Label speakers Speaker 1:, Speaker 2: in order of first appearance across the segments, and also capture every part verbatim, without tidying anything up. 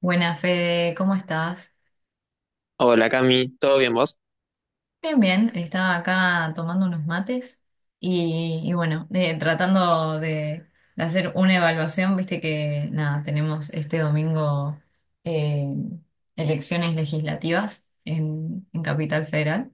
Speaker 1: Buenas, Fede, ¿cómo estás?
Speaker 2: Hola Cami, ¿todo bien vos?
Speaker 1: Bien, bien, estaba acá tomando unos mates y, y bueno, eh, tratando de, de hacer una evaluación, viste que nada, tenemos este domingo eh, elecciones legislativas en, en Capital Federal.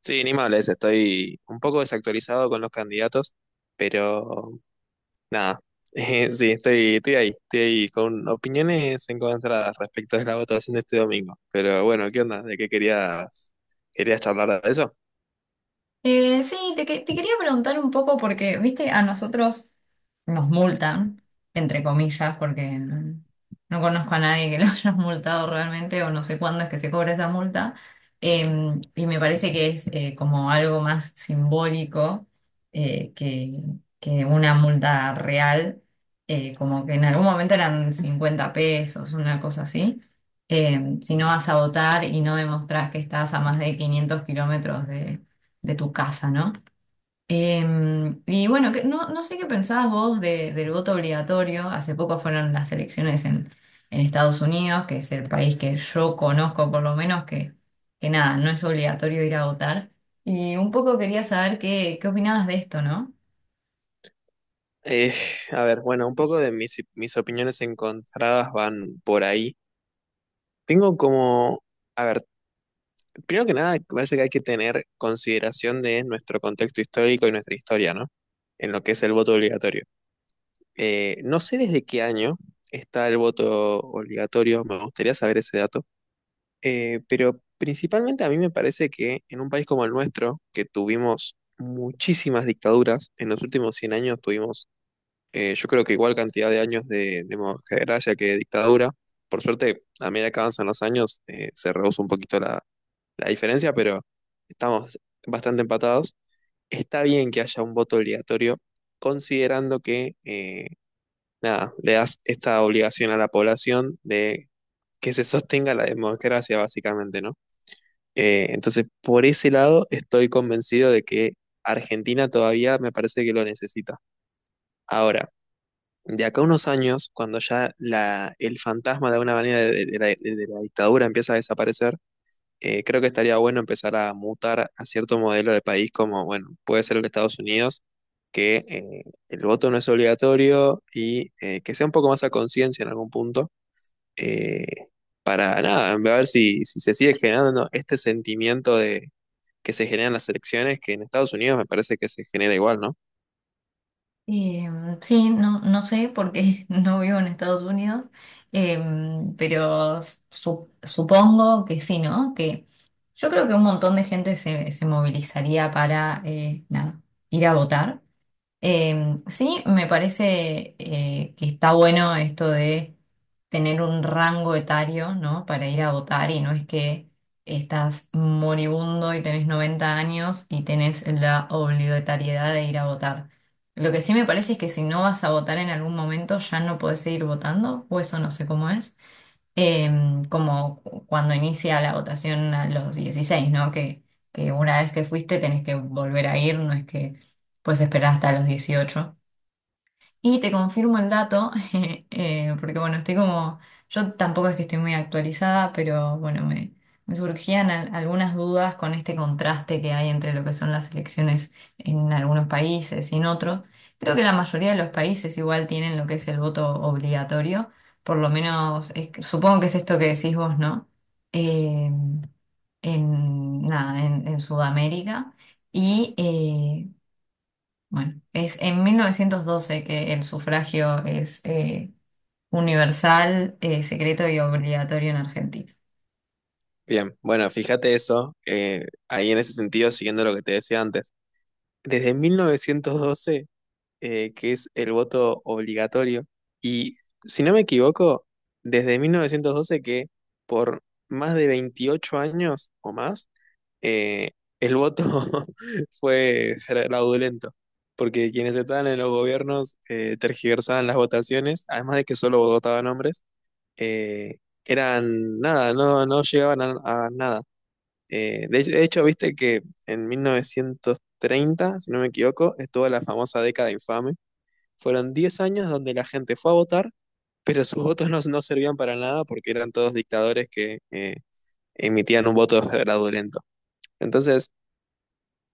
Speaker 2: Sí, ni me hables, estoy un poco desactualizado con los candidatos, pero nada, Eh, sí, estoy, estoy ahí, estoy ahí con opiniones encontradas respecto de la votación de este domingo, pero bueno, ¿qué onda? ¿De qué querías, querías charlar de eso?
Speaker 1: Eh, sí, te, que- te quería preguntar un poco porque, viste, a nosotros nos multan, entre comillas, porque no, no conozco a nadie que lo hayas multado realmente o no sé cuándo es que se cobra esa multa. Eh, y me parece que es eh, como algo más simbólico, eh, que, que una multa real, eh, como que en algún momento eran cincuenta pesos, una cosa así. Eh, si no vas a votar y no demostrás que estás a más de quinientos kilómetros de tu casa, ¿no? Em, y bueno, que- no, no sé qué pensabas vos de- del voto obligatorio. Hace poco fueron las elecciones en, en Estados Unidos, que es el país que yo conozco por lo menos, que, que nada, no es obligatorio ir a votar. Y un poco quería saber qué, qué opinabas de esto, ¿no?
Speaker 2: Eh, a ver, bueno, un poco de mis, mis opiniones encontradas van por ahí. Tengo como, a ver, primero que nada, parece que hay que tener consideración de nuestro contexto histórico y nuestra historia, ¿no? En lo que es el voto obligatorio. Eh, no sé desde qué año está el voto obligatorio, me gustaría saber ese dato, eh, pero principalmente a mí me parece que en un país como el nuestro, que tuvimos muchísimas dictaduras, en los últimos cien años tuvimos, eh, yo creo que igual cantidad de años de democracia que de dictadura, por suerte, a medida que avanzan los años, eh, se reduce un poquito la, la diferencia, pero estamos bastante empatados. Está bien que haya un voto obligatorio, considerando que, eh, nada, le das esta obligación a la población de que se sostenga la democracia, básicamente, ¿no? Eh, entonces, por ese lado, estoy convencido de que Argentina todavía me parece que lo necesita. Ahora, de acá a unos años, cuando ya la, el fantasma de alguna manera de de la de la dictadura empieza a desaparecer, eh, creo que estaría bueno empezar a mutar a cierto modelo de país como, bueno, puede ser el de Estados Unidos, que eh, el voto no es obligatorio y eh, que sea un poco más a conciencia en algún punto, eh, para nada, a ver si, si se sigue generando este sentimiento de que se generan las elecciones, que en Estados Unidos me parece que se genera igual, ¿no?
Speaker 1: Em, sí, no, no sé porque no vivo en Estados Unidos, em, pero su- supongo que sí, ¿no? Que yo creo que un montón de gente se, se movilizaría para eh, nada, ir a votar. Eh, sí, me parece eh, que está bueno esto de tener un rango etario, ¿no? Para ir a votar, y no es que estás moribundo y tenés noventa años y tenés la obligatoriedad de ir a votar. Lo que sí me parece es que si no vas a votar en algún momento ya no podés seguir votando, o eso no sé cómo es, em, como cuando inicia la votación a los dieciséis, ¿no? Que, que una vez que fuiste tenés que volver a ir, no es que puedes esperar hasta los dieciocho. Y te confirmo el dato, eh, porque bueno, estoy como, yo tampoco es que estoy muy actualizada, pero bueno, me, me surgían al- algunas dudas con este contraste que hay entre lo que son las elecciones en algunos países y en otros. Creo que la mayoría de los países igual tienen lo que es el voto obligatorio, por lo menos es que- supongo que es esto que decís vos, ¿no? Eh, en, nada, en, en Sudamérica. Y eh, bueno, es en mil novecientos doce que el sufragio es eh, universal, eh, secreto y obligatorio en Argentina.
Speaker 2: Bien, bueno, fíjate eso, eh, ahí en ese sentido, siguiendo lo que te decía antes, desde mil novecientos doce eh, que es el voto obligatorio. Y si no me equivoco, desde mil novecientos doce que por más de veintiocho años o más, eh, el voto fue fraudulento, porque quienes estaban en los gobiernos eh, tergiversaban las votaciones, además de que solo votaban hombres, eh, eran nada, no, no llegaban a, a nada. Eh, de, de hecho, viste que en mil novecientos treinta si no me equivoco, estuvo la famosa década infame fueron diez años donde la gente fue a votar, pero sus votos no, no servían para nada porque eran todos dictadores que eh, emitían un voto fraudulento. Entonces,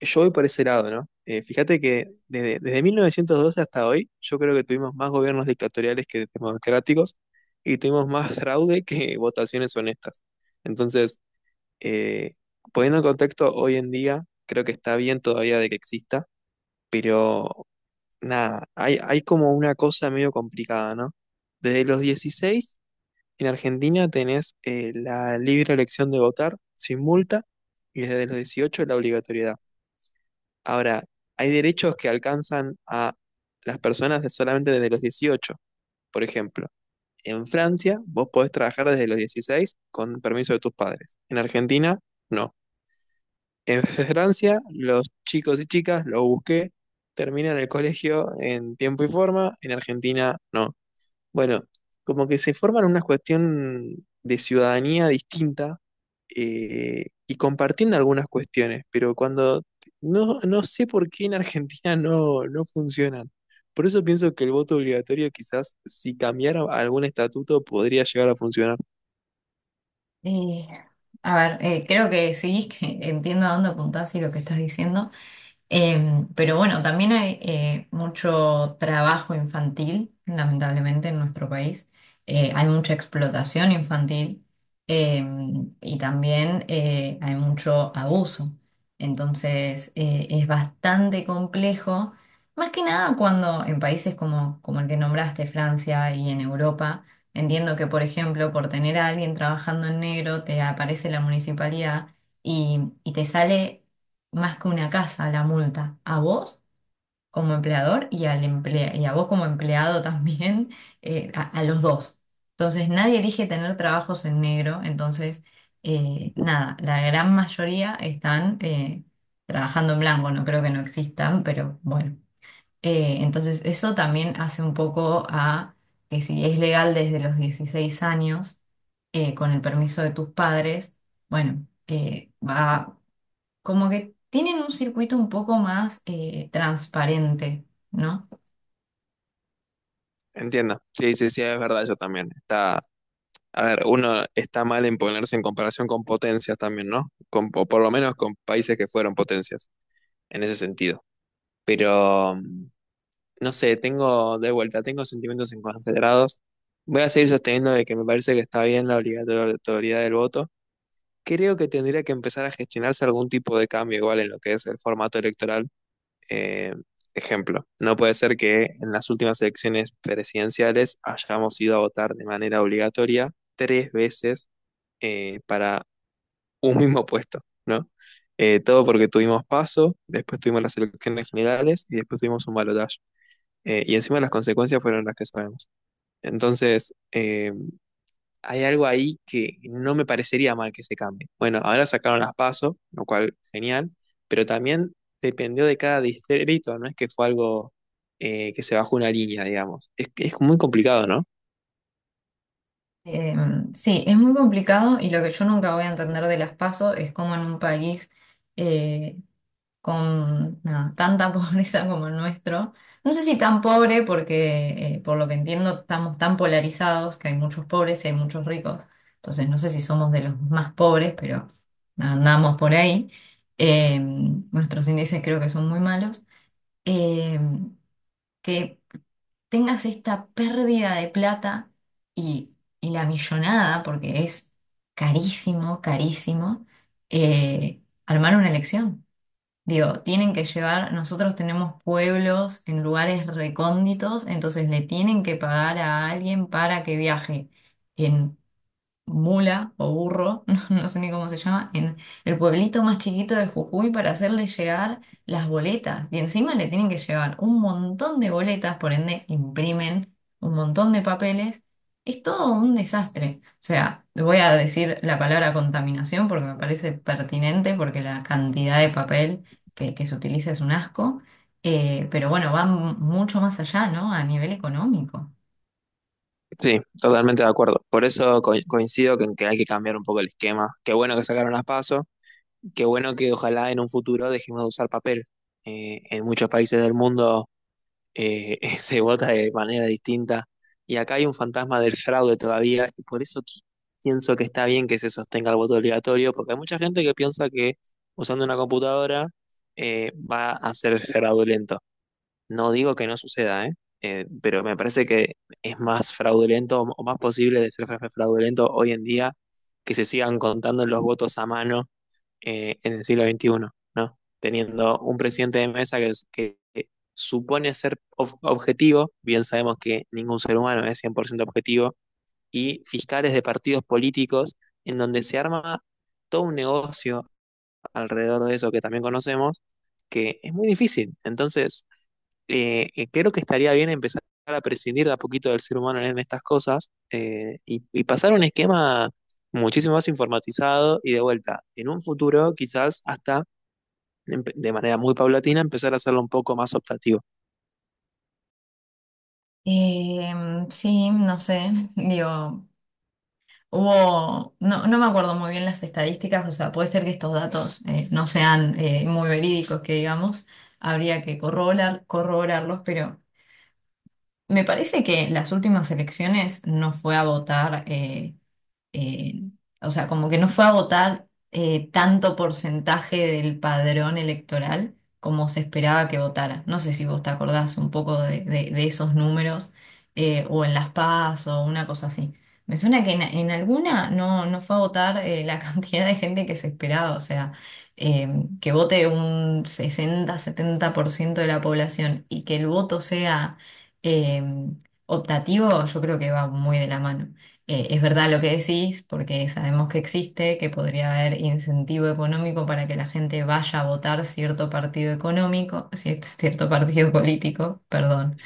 Speaker 2: yo voy por ese lado, ¿no? Eh, fíjate que desde, desde mil novecientos doce hasta hoy, yo creo que tuvimos más gobiernos dictatoriales que democráticos y tuvimos más fraude que votaciones honestas. Entonces, eh, poniendo en contexto, hoy en día creo que está bien todavía de que exista, pero nada, hay, hay como una cosa medio complicada, ¿no? Desde los dieciséis en Argentina tenés eh, la libre elección de votar sin multa y desde los dieciocho la obligatoriedad. Ahora, hay derechos que alcanzan a las personas de- solamente desde los dieciocho. Por ejemplo, en Francia vos podés trabajar desde los dieciséis con permiso de tus padres. En Argentina, no. En Francia, los chicos y chicas, lo busqué, terminan el colegio en tiempo y forma, en Argentina no. Bueno, como que se forman una cuestión de ciudadanía distinta eh, y compartiendo algunas cuestiones, pero cuando no, no sé por qué en Argentina no, no funcionan. Por eso pienso que el voto obligatorio quizás si cambiara algún estatuto podría llegar a funcionar.
Speaker 1: Eh, a ver, eh, creo que sí, que entiendo a dónde apuntás y lo que estás diciendo. Eh, pero bueno, también hay eh, mucho trabajo infantil, lamentablemente, en nuestro país. Eh, hay mucha explotación infantil eh, y también eh, hay mucho abuso. Entonces, eh, es bastante complejo, más que nada cuando en países como, como el que nombraste, Francia y en Europa, entiendo que, por ejemplo, por tener a alguien trabajando en negro, te aparece la municipalidad y, y te sale más que una casa la multa, a vos como empleador y, al emplea- y a vos como empleado también, eh, a, a los dos. Entonces nadie elige tener trabajos en negro, entonces eh, nada, la gran mayoría están eh, trabajando en blanco, no creo que no existan, pero bueno. Eh, entonces eso también hace un poco a que, si es legal desde los dieciséis años, eh, con el permiso de tus padres, bueno, eh, va, como que tienen un circuito un poco más eh, transparente, ¿no?
Speaker 2: Entiendo. Sí, sí, sí, es verdad, yo también. Está, A ver, uno está mal en ponerse en comparación con potencias también, ¿no? Con, o por lo menos con países que fueron potencias, en ese sentido. Pero, mm, no sé, tengo de vuelta, tengo sentimientos encontrados. Voy a seguir sosteniendo de que me parece que está bien la obligatoriedad del voto. Creo que tendría que empezar a gestionarse algún tipo de cambio igual en lo que es el formato electoral, eh, ejemplo, no puede ser que en las últimas elecciones presidenciales hayamos ido a votar de manera obligatoria tres veces eh, para un mismo puesto, ¿no? Eh, todo porque tuvimos paso, después tuvimos las elecciones generales y después tuvimos un balotaje. Eh, y encima las consecuencias fueron las que sabemos. Entonces, eh, hay algo ahí que no me parecería mal que se cambie. Bueno, ahora sacaron las PASO, lo cual genial, pero también dependió de cada distrito, no es que fue algo eh, que se bajó una línea, digamos. Es, que es muy complicado, ¿no?
Speaker 1: Eh, sí, es muy complicado, y lo que yo nunca voy a entender de las PASO es cómo en un país eh, con nada, tanta pobreza como el nuestro, no sé si tan pobre porque, eh, por lo que entiendo, estamos tan polarizados que hay muchos pobres y hay muchos ricos, entonces no sé si somos de los más pobres, pero andamos por ahí. Eh, nuestros índices creo que son muy malos. Eh, que tengas esta pérdida de plata y, y la millonada, porque es carísimo, carísimo, eh, armar una elección. Digo, tienen que llevar, nosotros tenemos pueblos en lugares recónditos, entonces le tienen que pagar a alguien para que viaje en mula o burro, no no sé ni cómo se llama, en el pueblito más chiquito de Jujuy, para hacerle llegar las boletas. Y encima le tienen que llevar un montón de boletas, por ende imprimen un montón de papeles. Es todo un desastre. O sea, voy a decir la palabra contaminación porque me parece pertinente, porque la cantidad de papel que, que se utiliza es un asco. Eh, pero bueno, va m- mucho más allá, ¿no? A nivel económico.
Speaker 2: Sí, totalmente de acuerdo. Por eso co- coincido con que hay que cambiar un poco el esquema. Qué bueno que sacaron las PASO, qué bueno que ojalá en un futuro dejemos de usar papel. Eh, en muchos países del mundo eh, se vota de manera distinta. Y acá hay un fantasma del fraude todavía, y por eso qui- pienso que está bien que se sostenga el voto obligatorio, porque hay mucha gente que piensa que usando una computadora eh, va a ser fraudulento. No digo que no suceda, ¿eh? Eh, pero me parece que es más fraudulento o más posible de ser fra- fraudulento hoy en día que se sigan contando los votos a mano eh, en el siglo veintiuno, ¿no? Teniendo un presidente de mesa que, que supone ser ob- objetivo, bien sabemos que ningún ser humano es cien por ciento objetivo, y fiscales de partidos políticos en donde se arma todo un negocio alrededor de eso que también conocemos, que es muy difícil. Entonces, eh, eh, creo que estaría bien empezar a prescindir de a poquito del ser humano en estas cosas eh, y, y pasar a un esquema muchísimo más informatizado y de vuelta, en un futuro quizás hasta empe- de manera muy paulatina empezar a hacerlo un poco más optativo.
Speaker 1: Eh, sí, no sé, digo, Hubo, no, no me acuerdo muy bien las estadísticas, o sea, puede ser que estos datos eh, no sean eh, muy verídicos, que digamos, habría que corroborar, corroborarlos, pero me parece que en las últimas elecciones no fue a votar. eh, eh, o sea, como que no fue a votar eh, tanto porcentaje del padrón electoral como se esperaba que votara. No sé si vos te acordás un poco de, de- de esos números, eh, o en las PAS o una cosa así. Me suena que en, en alguna no, no fue a votar eh, la cantidad de gente que se esperaba, o sea, eh, que vote un sesenta setenta por ciento de la población, y que el voto sea eh, optativo, yo creo que va muy de la mano. Eh, es verdad lo que decís, porque sabemos que existe, que podría haber incentivo económico para que la gente vaya a votar cierto partido económico, cier- cierto partido político, perdón.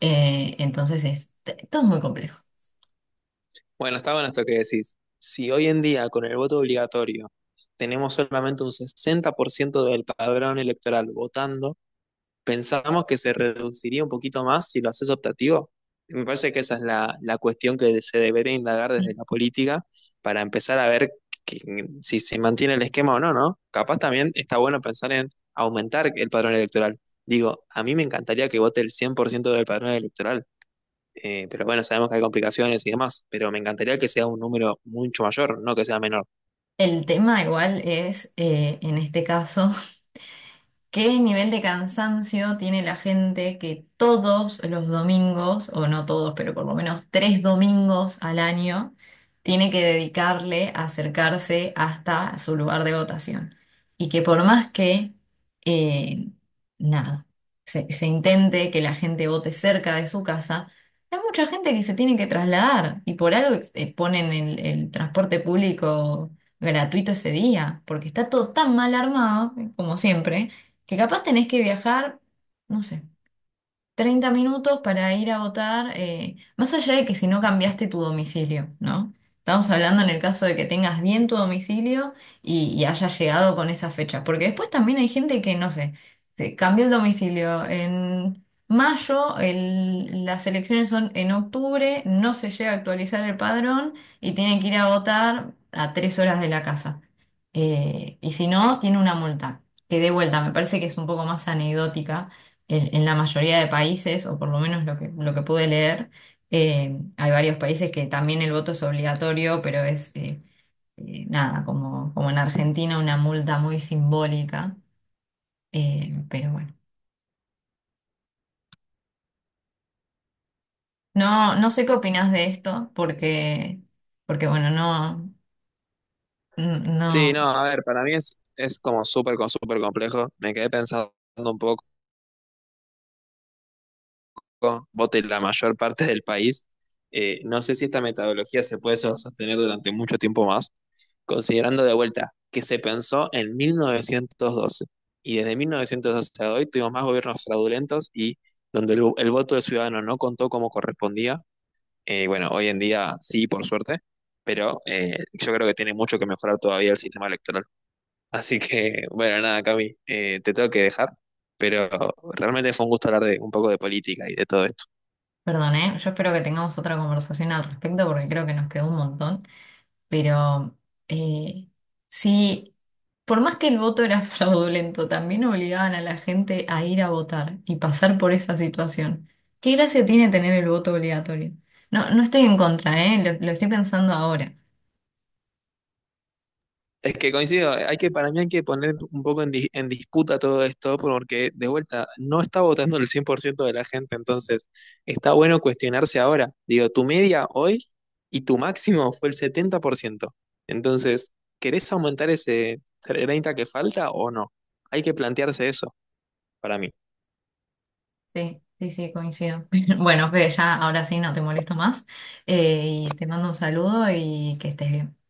Speaker 1: Eh, entonces es, t- todo es muy complejo.
Speaker 2: Bueno, está bueno esto que decís. Si hoy en día con el voto obligatorio tenemos solamente un sesenta por ciento del padrón electoral votando, pensamos que se reduciría un poquito más si lo haces optativo. Me parece que esa es la, la cuestión que se debería indagar desde la política para empezar a ver que- si se mantiene el esquema o no, ¿no? Capaz también está bueno pensar en aumentar el padrón electoral. Digo, a mí me encantaría que vote el cien por ciento del padrón electoral, eh, pero bueno, sabemos que hay complicaciones y demás, pero me encantaría que sea un número mucho mayor, no que sea menor.
Speaker 1: El tema igual es, eh, en este caso, ¿qué nivel de cansancio tiene la gente, que todos los domingos, o no todos, pero por lo menos tres domingos al año, tiene que dedicarle a acercarse hasta su lugar de votación? Y que por más que, eh, nada, se, se intente que la gente vote cerca de su casa, hay mucha gente que se tiene que trasladar, y por algo eh, ponen el, el transporte público gratuito ese día, porque está todo tan mal armado, como siempre, que capaz tenés que viajar, no sé, treinta minutos para ir a votar, eh, más allá de que si no cambiaste tu domicilio, ¿no? Estamos hablando en el caso de que tengas bien tu domicilio y, y hayas llegado con esa fecha, porque después también hay gente que, no sé, se cambió el domicilio en mayo, el- las elecciones son en octubre, no se llega a actualizar el padrón y tiene que ir a votar a tres horas de la casa. Eh, y si no, tiene una multa, que de vuelta me parece que es un poco más anecdótica en, en la mayoría de países, o por lo menos, lo que, lo que pude leer, eh, hay varios países que también el voto es obligatorio, pero es eh, eh, nada, como, como en Argentina, una multa muy simbólica. Eh, pero bueno, no, no sé qué opinas de esto, porque, porque, bueno, no, n- no,
Speaker 2: Sí, no, a ver, para mí es, es como súper, con- súper complejo. Me quedé pensando un poco. Vote la mayor parte del país. Eh, no sé si esta metodología se puede so- sostener durante mucho tiempo más, considerando de vuelta que se pensó en mil novecientos doce y desde mil novecientos doce a hoy tuvimos más gobiernos fraudulentos y donde el, el voto del ciudadano no contó como correspondía. Eh, bueno, hoy en día sí, por suerte, pero eh, yo creo que tiene mucho que mejorar todavía el sistema electoral. Así que, bueno, nada, Cami, eh, te tengo que dejar, pero realmente fue un gusto hablar de un poco de política y de todo esto.
Speaker 1: perdón, ¿eh? Yo espero que tengamos otra conversación al respecto, porque creo que nos quedó un montón. Pero eh, sí, por más que el voto era fraudulento, también obligaban a la gente a ir a votar y pasar por esa situación. ¿Qué gracia tiene tener el voto obligatorio? No, no estoy en contra, ¿eh? Lo, lo estoy pensando ahora.
Speaker 2: Es que coincido, hay que, para mí hay que poner un poco en, di- en disputa todo esto, porque de vuelta, no está votando el cien por ciento de la gente, entonces está bueno cuestionarse ahora. Digo, tu media hoy y tu máximo fue el setenta por ciento. Entonces, ¿querés aumentar ese treinta que falta o no? Hay que plantearse eso, para mí.
Speaker 1: Sí, sí, sí, coincido. Bueno, Fede, ya ahora sí no te molesto más. Eh, y te mando un saludo y que estés bien.